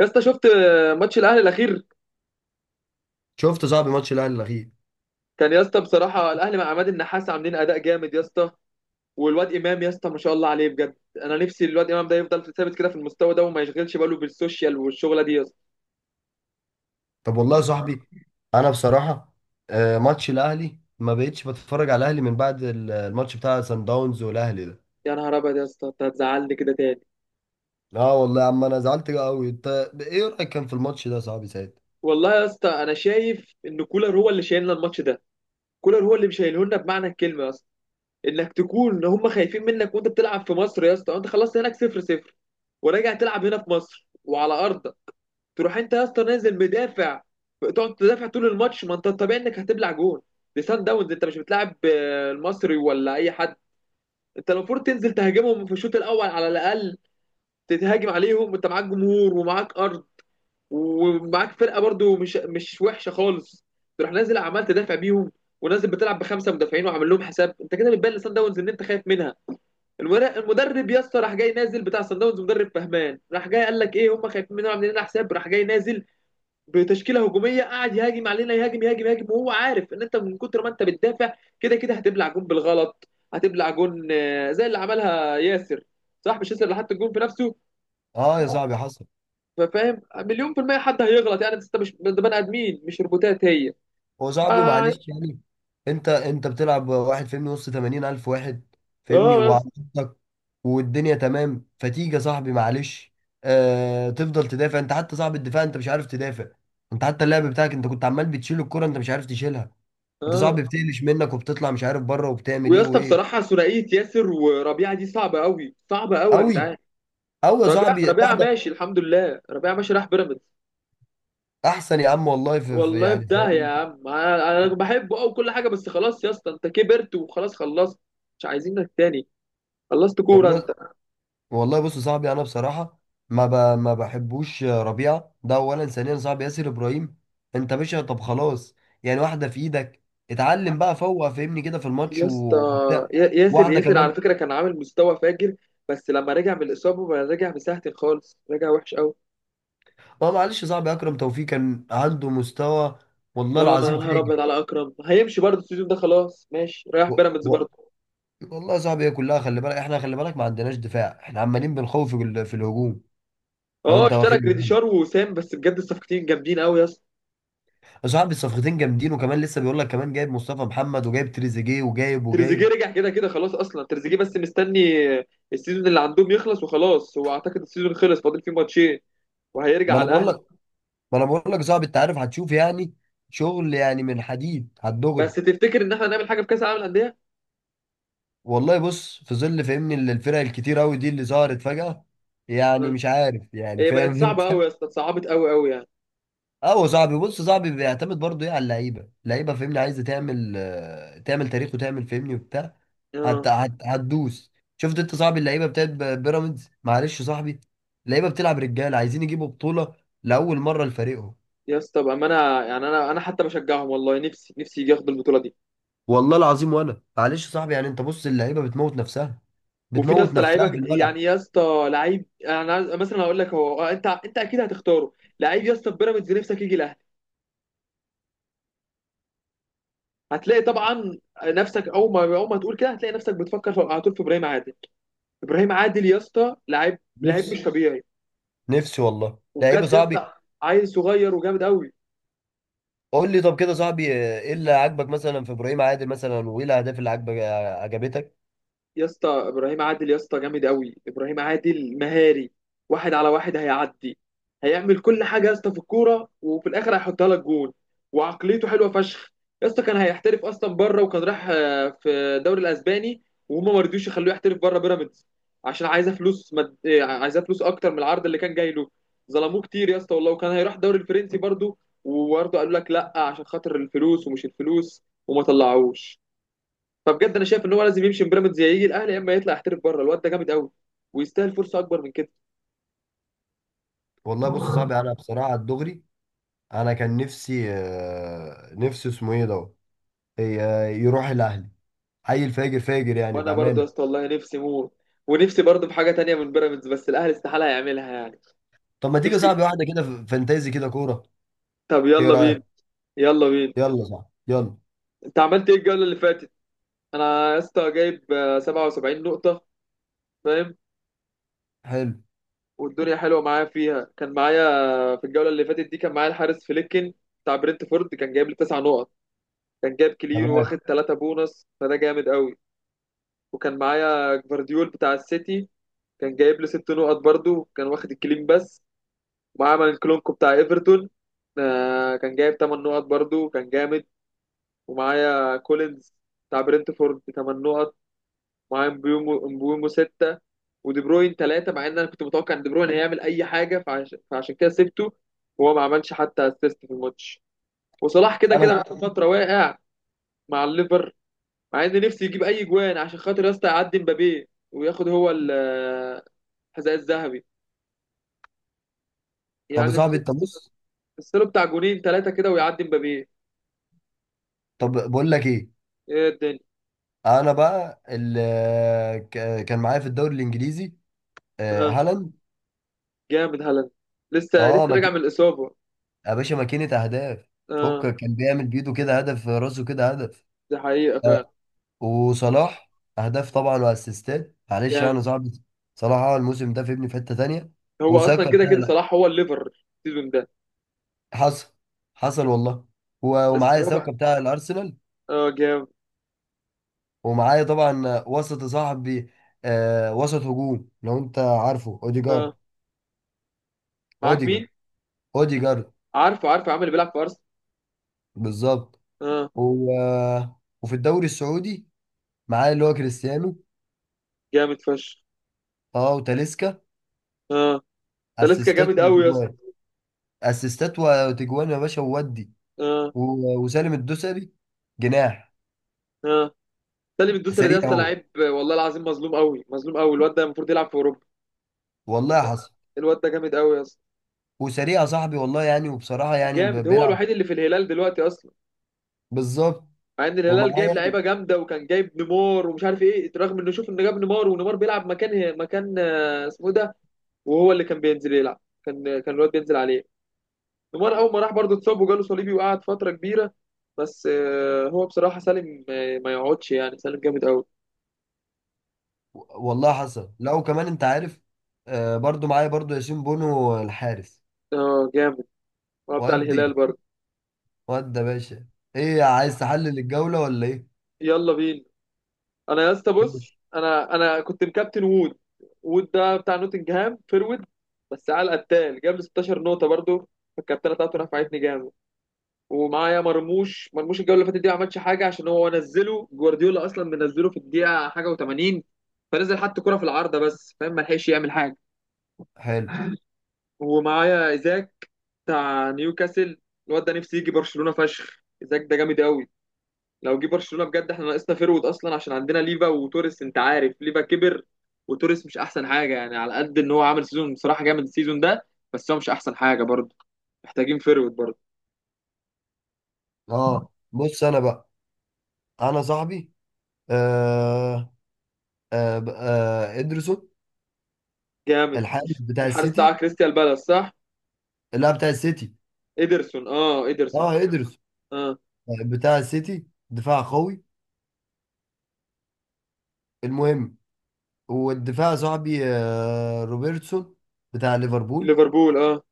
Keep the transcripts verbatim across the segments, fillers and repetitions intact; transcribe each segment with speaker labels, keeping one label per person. Speaker 1: يا اسطى شفت ماتش الاهلي الاخير؟
Speaker 2: شفت يا صاحبي ماتش الاهلي الاخير.
Speaker 1: كان يا اسطى بصراحه الاهلي مع عماد النحاس عاملين اداء جامد يا اسطى، والواد امام يا اسطى ما شاء الله عليه بجد. انا نفسي الواد امام ده يفضل ثابت كده في المستوى ده وما يشغلش باله بالسوشيال والشغله دي يا اسطى.
Speaker 2: طب والله يا صاحبي، انا بصراحه آه، ماتش الاهلي ما بقتش بتفرج على الاهلي من بعد ال- الماتش بتاع سان داونز والاهلي ده.
Speaker 1: يا نهار ابيض يا اسطى انت هتزعلني كده تاني.
Speaker 2: اه والله يا عم انا زعلت قوي. انت ايه رايك كان في الماتش ده يا صاحبي ساعتها؟
Speaker 1: والله يا اسطى انا شايف ان كولر هو اللي شايلنا الماتش ده، كولر هو اللي مشايله لنا بمعنى الكلمه يا اسطى. انك تكون ان هم خايفين منك وانت بتلعب في مصر يا اسطى، وانت خلصت هناك صفر صفر وراجع تلعب هنا في مصر وعلى ارضك، تروح انت يا اسطى نازل مدافع، تقعد تدافع طول الماتش. ما انت الطبيعي انك هتبلع جون. دي سان داونز، انت مش بتلعب آه، المصري ولا اي حد. انت المفروض تنزل تهاجمهم في الشوط الاول على الاقل، تتهاجم عليهم وانت معاك جمهور ومعاك ارض ومعاك فرقه برضو مش مش وحشه خالص. تروح نازل عمال تدافع بيهم، ونازل بتلعب بخمسه مدافعين وعامل لهم حساب. انت كده بتبان لسان داونز ان انت خايف منها. المر- المدرب يا اسطى راح جاي نازل بتاع سان داونز، مدرب فهمان، راح جاي قال لك ايه، هم خايفين مننا عاملين لنا حساب، راح جاي نازل بتشكيله هجوميه قاعد يهاجم علينا، يهاجم يهاجم يهاجم، وهو عارف ان انت من كتر ما انت بتدافع كده كده هتبلع جون بالغلط. هتبلع جون آه، زي اللي عملها ياسر. صح، مش ياسر اللي حط الجون في نفسه؟
Speaker 2: اه يا صاحبي حصل.
Speaker 1: فاهم؟ مليون في المية حد هيغلط يعني، بس انت مش ده، بني ادمين مش روبوتات هي.
Speaker 2: هو صاحبي
Speaker 1: اه.
Speaker 2: معلش يعني. انت انت بتلعب واحد فاهمني وسط تمانين الف واحد فاهمني،
Speaker 1: اه يا اسطى.
Speaker 2: وعندك والدنيا تمام. فتيجي يا صاحبي معلش، آه تفضل تدافع انت، حتى صاحب الدفاع انت مش عارف تدافع. انت حتى اللعب بتاعك انت كنت عمال بتشيل الكرة انت مش عارف تشيلها. انت صاحبي
Speaker 1: اه.
Speaker 2: بتقلش منك وبتطلع مش عارف بره وبتعمل
Speaker 1: ويا
Speaker 2: ايه
Speaker 1: اسطى
Speaker 2: وايه.
Speaker 1: بصراحة، ثنائية ياسر وربيعة دي صعبة قوي، صعبة قوي يا
Speaker 2: قوي،
Speaker 1: جدعان.
Speaker 2: قوي يا
Speaker 1: ربيعة،
Speaker 2: صاحبي
Speaker 1: ربيعة
Speaker 2: واحدة.
Speaker 1: ماشي الحمد لله، ربيعة ماشي راح بيراميدز.
Speaker 2: احسن يا عم والله في, في
Speaker 1: والله في
Speaker 2: يعني فاهم
Speaker 1: داهية يا
Speaker 2: انت.
Speaker 1: عم، انا أنا بحبه او كل حاجه، بس خلاص يا اسطى انت كبرت وخلاص خلصت، مش عايزينك تاني، خلصت كوره
Speaker 2: والله،
Speaker 1: انت.
Speaker 2: والله بص يا صاحبي انا بصراحه ما ب... ما بحبوش ربيعه ده اولا. ثانيا صاحبي ياسر ابراهيم، انت باشا طب خلاص. يعني واحده في ايدك. اتعلم بقى فوق فهمني كده في الماتش
Speaker 1: يا
Speaker 2: و-
Speaker 1: اسطى،
Speaker 2: وبتاع.
Speaker 1: يا- ياسر
Speaker 2: واحده
Speaker 1: ياسر على
Speaker 2: كمان.
Speaker 1: فكره كان عامل مستوى فاجر، بس لما رجع من الاصابه بقى رجع مساحتي خالص، رجع وحش قوي.
Speaker 2: اه معلش يا صاحبي، اكرم توفيق كان عنده مستوى والله
Speaker 1: اه، يا
Speaker 2: العظيم
Speaker 1: نهار
Speaker 2: فاجر.
Speaker 1: ابيض على اكرم، هيمشي برضه السيزون ده خلاص، ماشي رايح
Speaker 2: و...
Speaker 1: بيراميدز
Speaker 2: و...
Speaker 1: برضه.
Speaker 2: والله يا صاحبي هي كلها، خلي بالك احنا، خلي بالك ما عندناش دفاع، احنا عمالين بنخوف في ال- في الهجوم. لو
Speaker 1: اه
Speaker 2: انت
Speaker 1: اشترى
Speaker 2: واخد بالك
Speaker 1: جريديشار ووسام، بس بجد الصفقتين جامدين قوي يا اسطى.
Speaker 2: يا صاحبي الصفقتين جامدين، وكمان لسه بيقول لك كمان جايب مصطفى محمد وجايب تريزيجيه وجايب
Speaker 1: تريزيجيه
Speaker 2: وجايب.
Speaker 1: رجع كده كده خلاص، اصلا تريزيجيه بس مستني السيزون اللي عندهم يخلص وخلاص، هو اعتقد السيزون خلص فاضل فيه ماتشين، وهيرجع
Speaker 2: ما انا
Speaker 1: على
Speaker 2: بقول
Speaker 1: الاهلي.
Speaker 2: لك، ما انا بقول لك صعب، انت عارف هتشوف يعني شغل يعني من حديد
Speaker 1: بس
Speaker 2: هتدغري.
Speaker 1: تفتكر ان احنا نعمل حاجه في كاس العالم للانديه؟
Speaker 2: والله بص في ظل فهمني ال- الفرق الكتير قوي دي اللي ظهرت فجأة. يعني
Speaker 1: آه.
Speaker 2: مش عارف يعني
Speaker 1: هي بقت
Speaker 2: فاهم انت.
Speaker 1: صعبه قوي يا اسطى، اتصعبت قوي قوي يعني.
Speaker 2: اه صاحبي بص، صاحبي بيعتمد برضه ايه على اللعيبه، اللعيبه فهمني عايزه تعمل آه، تعمل تاريخ وتعمل فهمني وبتاع.
Speaker 1: اه.
Speaker 2: هت... هت... هتدوس. شفت انت صاحبي اللعيبه بتاعت ب- بيراميدز؟ معلش يا صاحبي، اللعيبه بتلعب رجاله عايزين يجيبوا بطوله لاول مره لفريقهم.
Speaker 1: يا اسطى بامانه، يعني انا انا حتى بشجعهم والله، نفسي، نفسي يجي ياخد البطوله دي.
Speaker 2: والله العظيم وانا معلش يا صاحبي، يعني انت بص اللعيبه بتموت نفسها،
Speaker 1: وفي يا
Speaker 2: بتموت
Speaker 1: اسطى
Speaker 2: نفسها في
Speaker 1: لعيبه
Speaker 2: الملعب.
Speaker 1: يعني يا اسطى، لعيب انا عايز- مثلا هقول لك هو، آه، انت انت اكيد هتختاره. لعيب يا اسطى في بيراميدز نفسك يجي الاهلي، هتلاقي طبعا نفسك، اول ما اول ما تقول كده هتلاقي نفسك بتفكر في- على طول في ابراهيم عادل. ابراهيم عادل يا اسطى لعيب، لعيب
Speaker 2: نفسي،
Speaker 1: مش طبيعي.
Speaker 2: نفسي والله لعيبه
Speaker 1: وبجد يا
Speaker 2: صاحبي.
Speaker 1: اسطى عيل صغير وجامد قوي.
Speaker 2: قول لي طب كده صاحبي، آه، ايه اللي عاجبك مثلا في ابراهيم عادل مثلا، وايه الاهداف اللي عاجبك، آه، عجبتك؟
Speaker 1: يا اسطى ابراهيم عادل يا اسطى جامد قوي، ابراهيم عادل مهاري، واحد على واحد هيعدي، هيعمل كل حاجه يا اسطى في الكوره، وفي الاخر هيحطها لك جول. وعقليته حلوه فشخ يا اسطى. كان هيحترف اصلا بره، وكان راح آه، في الدوري الاسباني، وهما ما رضيوش يخلوه يحترف بره بيراميدز عشان عايزه فلوس مد... آه، عايزه فلوس اكتر من العرض اللي كان جاي له. ظلموه كتير يا اسطى والله، وكان هيروح الدوري الفرنسي برضه، وبرضه قالوا لك لا عشان خاطر الفلوس ومش الفلوس وما طلعوش. فبجد انا شايف ان هو لازم يمشي من بيراميدز، يا يجي الاهلي يا اما يطلع يحترف بره. الواد ده جامد قوي، ويستاهل فرصه اكبر من كده.
Speaker 2: والله بص يا صاحبي انا بصراحه الدغري، انا كان نفسي آه، نفسي اسمه ايه ده، آه، يروح الاهلي. عيل فاجر فاجر يعني
Speaker 1: وانا برضه يا
Speaker 2: بامانه.
Speaker 1: اسطى والله نفسي موت، ونفسي برضه في حاجه تانية من بيراميدز، بس الاهلي استحاله يعملها يعني.
Speaker 2: طب ما تيجي يا
Speaker 1: نفسي.
Speaker 2: صاحبي واحده كده ف- فانتازي كده كوره؟
Speaker 1: طب
Speaker 2: ايه
Speaker 1: يلا بينا.
Speaker 2: رايك؟
Speaker 1: يلا بينا.
Speaker 2: يلا صاحبي يلا.
Speaker 1: انت عملت ايه الجوله اللي فاتت؟ انا يا اسطى جايب آه، سبعة وسبعين نقطه، فاهم.
Speaker 2: حلو.
Speaker 1: والدنيا حلوه معايا فيها. كان معايا آه، في الجوله اللي فاتت دي كان معايا الحارس فليكن بتاع برنتفورد، كان جايب لي تسع نقط، كان جايب كلين
Speaker 2: تمام.
Speaker 1: واخد تلات بونص، فده جامد قوي. وكان معايا جفارديول بتاع السيتي، كان جايب لي ست نقط برضو، كان واخد الكلين بس. ومعايا مانكلونكو بتاع ايفرتون، آه، كان جايب تمن نقط برضو، كان جامد. ومعايا كولينز بتاع برنتفورد تمن نقط. معايا مبيومو، مبيومو ستة. ودي بروين تلاتة، مع ان انا كنت متوقع ان دي بروين هيعمل اي حاجة، فعش... فعشان كده سبته، وهو ما عملش حتى اسيست في الماتش. وصلاح كده
Speaker 2: انا،
Speaker 1: كده بقاله فترة واقع مع الليفر، مع ان نفسي يجيب اي جوان عشان خاطر يا اسطى يعدي مبابي وياخد هو ال حذاء الذهبي.
Speaker 2: طب يا
Speaker 1: يعني الس-
Speaker 2: صاحبي انت بص.
Speaker 1: السير بتاع جونين تلاتة كده ويعدي مبابي.
Speaker 2: طب بقول لك ايه،
Speaker 1: ايه الدنيا.
Speaker 2: انا بقى اللي كان معايا في الدوري الانجليزي آه،
Speaker 1: اه
Speaker 2: هالاند.
Speaker 1: جامد هالاند، لسه لسه
Speaker 2: اه
Speaker 1: راجع
Speaker 2: مك...
Speaker 1: من الإصابة.
Speaker 2: يا باشا ماكينة اهداف،
Speaker 1: اه.
Speaker 2: فكك كان بيعمل بيده كده هدف، راسه كده هدف.
Speaker 1: دي حقيقة فعلا.
Speaker 2: آه، وصلاح اهداف طبعا واسيستات معلش انا
Speaker 1: جامد.
Speaker 2: صعب. صلاح اه الموسم ده في ابني في حتة تانية.
Speaker 1: هو أصلا
Speaker 2: وساكا
Speaker 1: كده
Speaker 2: بتاع
Speaker 1: كده
Speaker 2: لا.
Speaker 1: صلاح هو الليفر السيزون ده.
Speaker 2: حصل، حصل والله. و-
Speaker 1: بس
Speaker 2: ومعايا
Speaker 1: هو بقى.
Speaker 2: ساكا بتاع الارسنال.
Speaker 1: اه جامد.
Speaker 2: ومعايا طبعا وسط صاحبي آه، وسط هجوم، لو انت عارفه اوديجارد.
Speaker 1: اه، معاك
Speaker 2: اوديجارد،
Speaker 1: مين؟
Speaker 2: اوديجارد.
Speaker 1: عارفه عارفه، عامل اللي بيلعب في أرسنال.
Speaker 2: بالظبط.
Speaker 1: اه.
Speaker 2: هو، وفي الدوري السعودي معاه اللي هو كريستيانو.
Speaker 1: جامد فشخ.
Speaker 2: اه وتاليسكا
Speaker 1: اه. تاليسكا
Speaker 2: اسيستات
Speaker 1: جامد قوي يا اسطى.
Speaker 2: وتجوان، اسيستات وتجوان يا باشا وودي.
Speaker 1: اه.
Speaker 2: و- وسالم الدوسري جناح
Speaker 1: اه. سالم الدوسري ده يا
Speaker 2: سريع
Speaker 1: اسطى
Speaker 2: هو.
Speaker 1: لعيب والله العظيم، مظلوم قوي، مظلوم قوي، الواد ده المفروض يلعب في أوروبا.
Speaker 2: والله حصل.
Speaker 1: الواد ده جامد قوي يا اسطى.
Speaker 2: وسريع يا صاحبي والله يعني، وبصراحة يعني ب-
Speaker 1: جامد، هو
Speaker 2: بيلعب.
Speaker 1: الوحيد اللي في الهلال دلوقتي أصلا.
Speaker 2: بالظبط.
Speaker 1: مع ان الهلال
Speaker 2: ومعاه
Speaker 1: جايب
Speaker 2: يعني.
Speaker 1: لعيبه جامده، وكان جايب نيمار ومش عارف ايه، رغم انه شوف انه جاب نيمار ونيمار بيلعب مكان مكان آه، اسمه إيه ده. وهو اللي كان بينزل يلعب، كان كان الواد بينزل عليه. نيمار اول ما راح برضه اتصاب وجاله صليبي وقعد فتره كبيره. بس آه، هو بصراحه سالم، آه، ما يقعدش يعني، سالم جامد قوي.
Speaker 2: و- والله حصل. لا وكمان انت عارف، آه برضو معايا برضو ياسين بونو الحارس.
Speaker 1: اه جامد، هو بتاع الهلال
Speaker 2: ودي،
Speaker 1: برضه.
Speaker 2: ودي يا باشا، ايه عايز تحلل الجولة ولا ايه؟
Speaker 1: يلا بينا. انا يا اسطى بص،
Speaker 2: ماشي.
Speaker 1: انا انا كنت مكابتن وود. وود ده بتاع نوتنجهام فيرود، بس على القتال جاب لي ستاشر نقطه برضه، فالكابتنه بتاعته نفعتني جامد. ومعايا مرموش، مرموش الجوله اللي فاتت دي ما عملش حاجه عشان هو نزله جوارديولا اصلا منزله في الدقيقه حاجه وتمانين، فنزل حط كره في العارضه بس فاهم، ما لحقش يعمل حاجه.
Speaker 2: حلو.
Speaker 1: ومعايا ايزاك بتاع نيوكاسل، الواد ده نفسي يجي برشلونه فشخ. ايزاك ده جامد قوي، لو جه برشلونه بجد، احنا ناقصنا فيرود اصلا عشان عندنا ليفا وتوريس، انت عارف ليفا كبر، وتوريس مش احسن حاجه يعني، على قد ان هو عامل سيزون بصراحه جامد السيزون ده، بس هو مش احسن حاجه برضه، محتاجين فيرود برضه.
Speaker 2: اه بص انا بقى، انا صاحبي آه آه ب- آه ادرسون
Speaker 1: جامد.
Speaker 2: الحارس بتاع
Speaker 1: الحارس بتاع
Speaker 2: السيتي.
Speaker 1: كريستيان بالاس، صح؟
Speaker 2: لا بتاع السيتي.
Speaker 1: إيدرسون، اه إيدرسون.
Speaker 2: اه ادرسون
Speaker 1: اه.
Speaker 2: بتاع السيتي دفاع قوي. المهم، والدفاع صاحبي آه روبرتسون بتاع ليفربول.
Speaker 1: ليفربول، اه.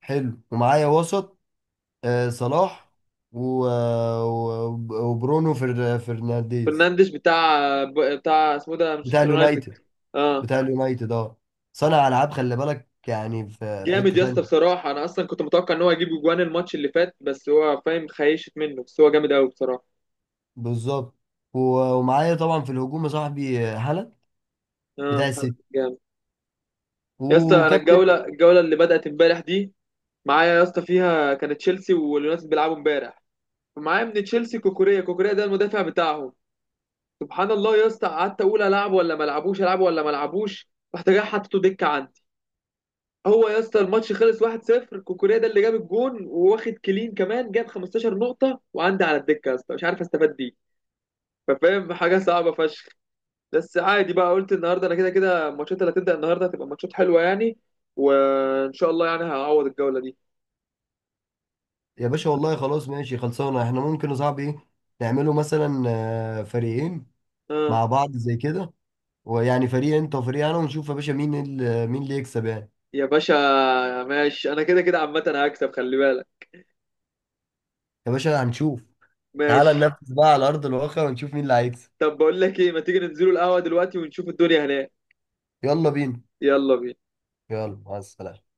Speaker 2: حلو. ومعايا وسط آه صلاح، و- آه، و- وبرونو فر- فرنانديز
Speaker 1: فرنانديش بتاع، بتاع اسمه ده
Speaker 2: بتاع
Speaker 1: مانشستر يونايتد.
Speaker 2: اليونايتد،
Speaker 1: اه.
Speaker 2: بتاع اليونايتد اه. صانع العاب خلي بالك، يعني في في
Speaker 1: جامد
Speaker 2: حتة
Speaker 1: يا اسطى
Speaker 2: تانية.
Speaker 1: بصراحة، أنا أصلا كنت متوقع إن هو يجيب أجوان الماتش اللي فات، بس هو فاهم خيشت منه، بس هو جامد أوي بصراحة.
Speaker 2: بالظبط. و- ومعايا طبعا في الهجوم يا صاحبي هالاند بتاع
Speaker 1: اه.
Speaker 2: السيتي،
Speaker 1: جامد. يا اسطى أنا
Speaker 2: وكابتن.
Speaker 1: الجولة الجولة اللي بدأت امبارح دي، معايا يا اسطى فيها كانت تشيلسي واليونايتد بيلعبوا امبارح. معايا من تشيلسي كوكوريا، كوكوريا ده المدافع بتاعهم. سبحان الله يا اسطى، قعدت أقول ألعب ولا ما ألعبوش، ألعب ولا ما ألعبوش، رحت جاي حطيته دكة عندي. هو يا اسطى الماتش خلص واحد صفر، كوكوريا ده اللي جاب الجون وواخد كلين كمان، جاب خمستاشر نقطة وعندي على الدكة يا اسطى، مش عارف استفاد بيه. ففاهم حاجة صعبة فشخ. بس عادي بقى، قلت النهارده انا كده كده الماتشات اللي هتبدأ النهارده هتبقى ماتشات حلوة يعني، وان شاء الله يعني هعوض الجولة دي.
Speaker 2: يا باشا والله خلاص ماشي خلصانه. احنا ممكن يا صاحبي ايه نعمله، مثلا آه، فريقين
Speaker 1: اه
Speaker 2: مع بعض زي كده. ويعني فريق انت وفريق انا، ونشوف يا باشا مين ال- مين اللي يكسب يعني.
Speaker 1: يا باشا. ماشي، انا كده كده عامة هكسب خلي بالك.
Speaker 2: يا باشا هنشوف. تعالى
Speaker 1: ماشي.
Speaker 2: ننفذ بقى على ارض الواقع ونشوف مين اللي هيكسب.
Speaker 1: طب بقول لك ايه، ما تيجي ننزلوا القهوة دلوقتي ونشوف الدنيا هناك.
Speaker 2: يلا بينا.
Speaker 1: يلا بينا.
Speaker 2: يلا مع السلامه.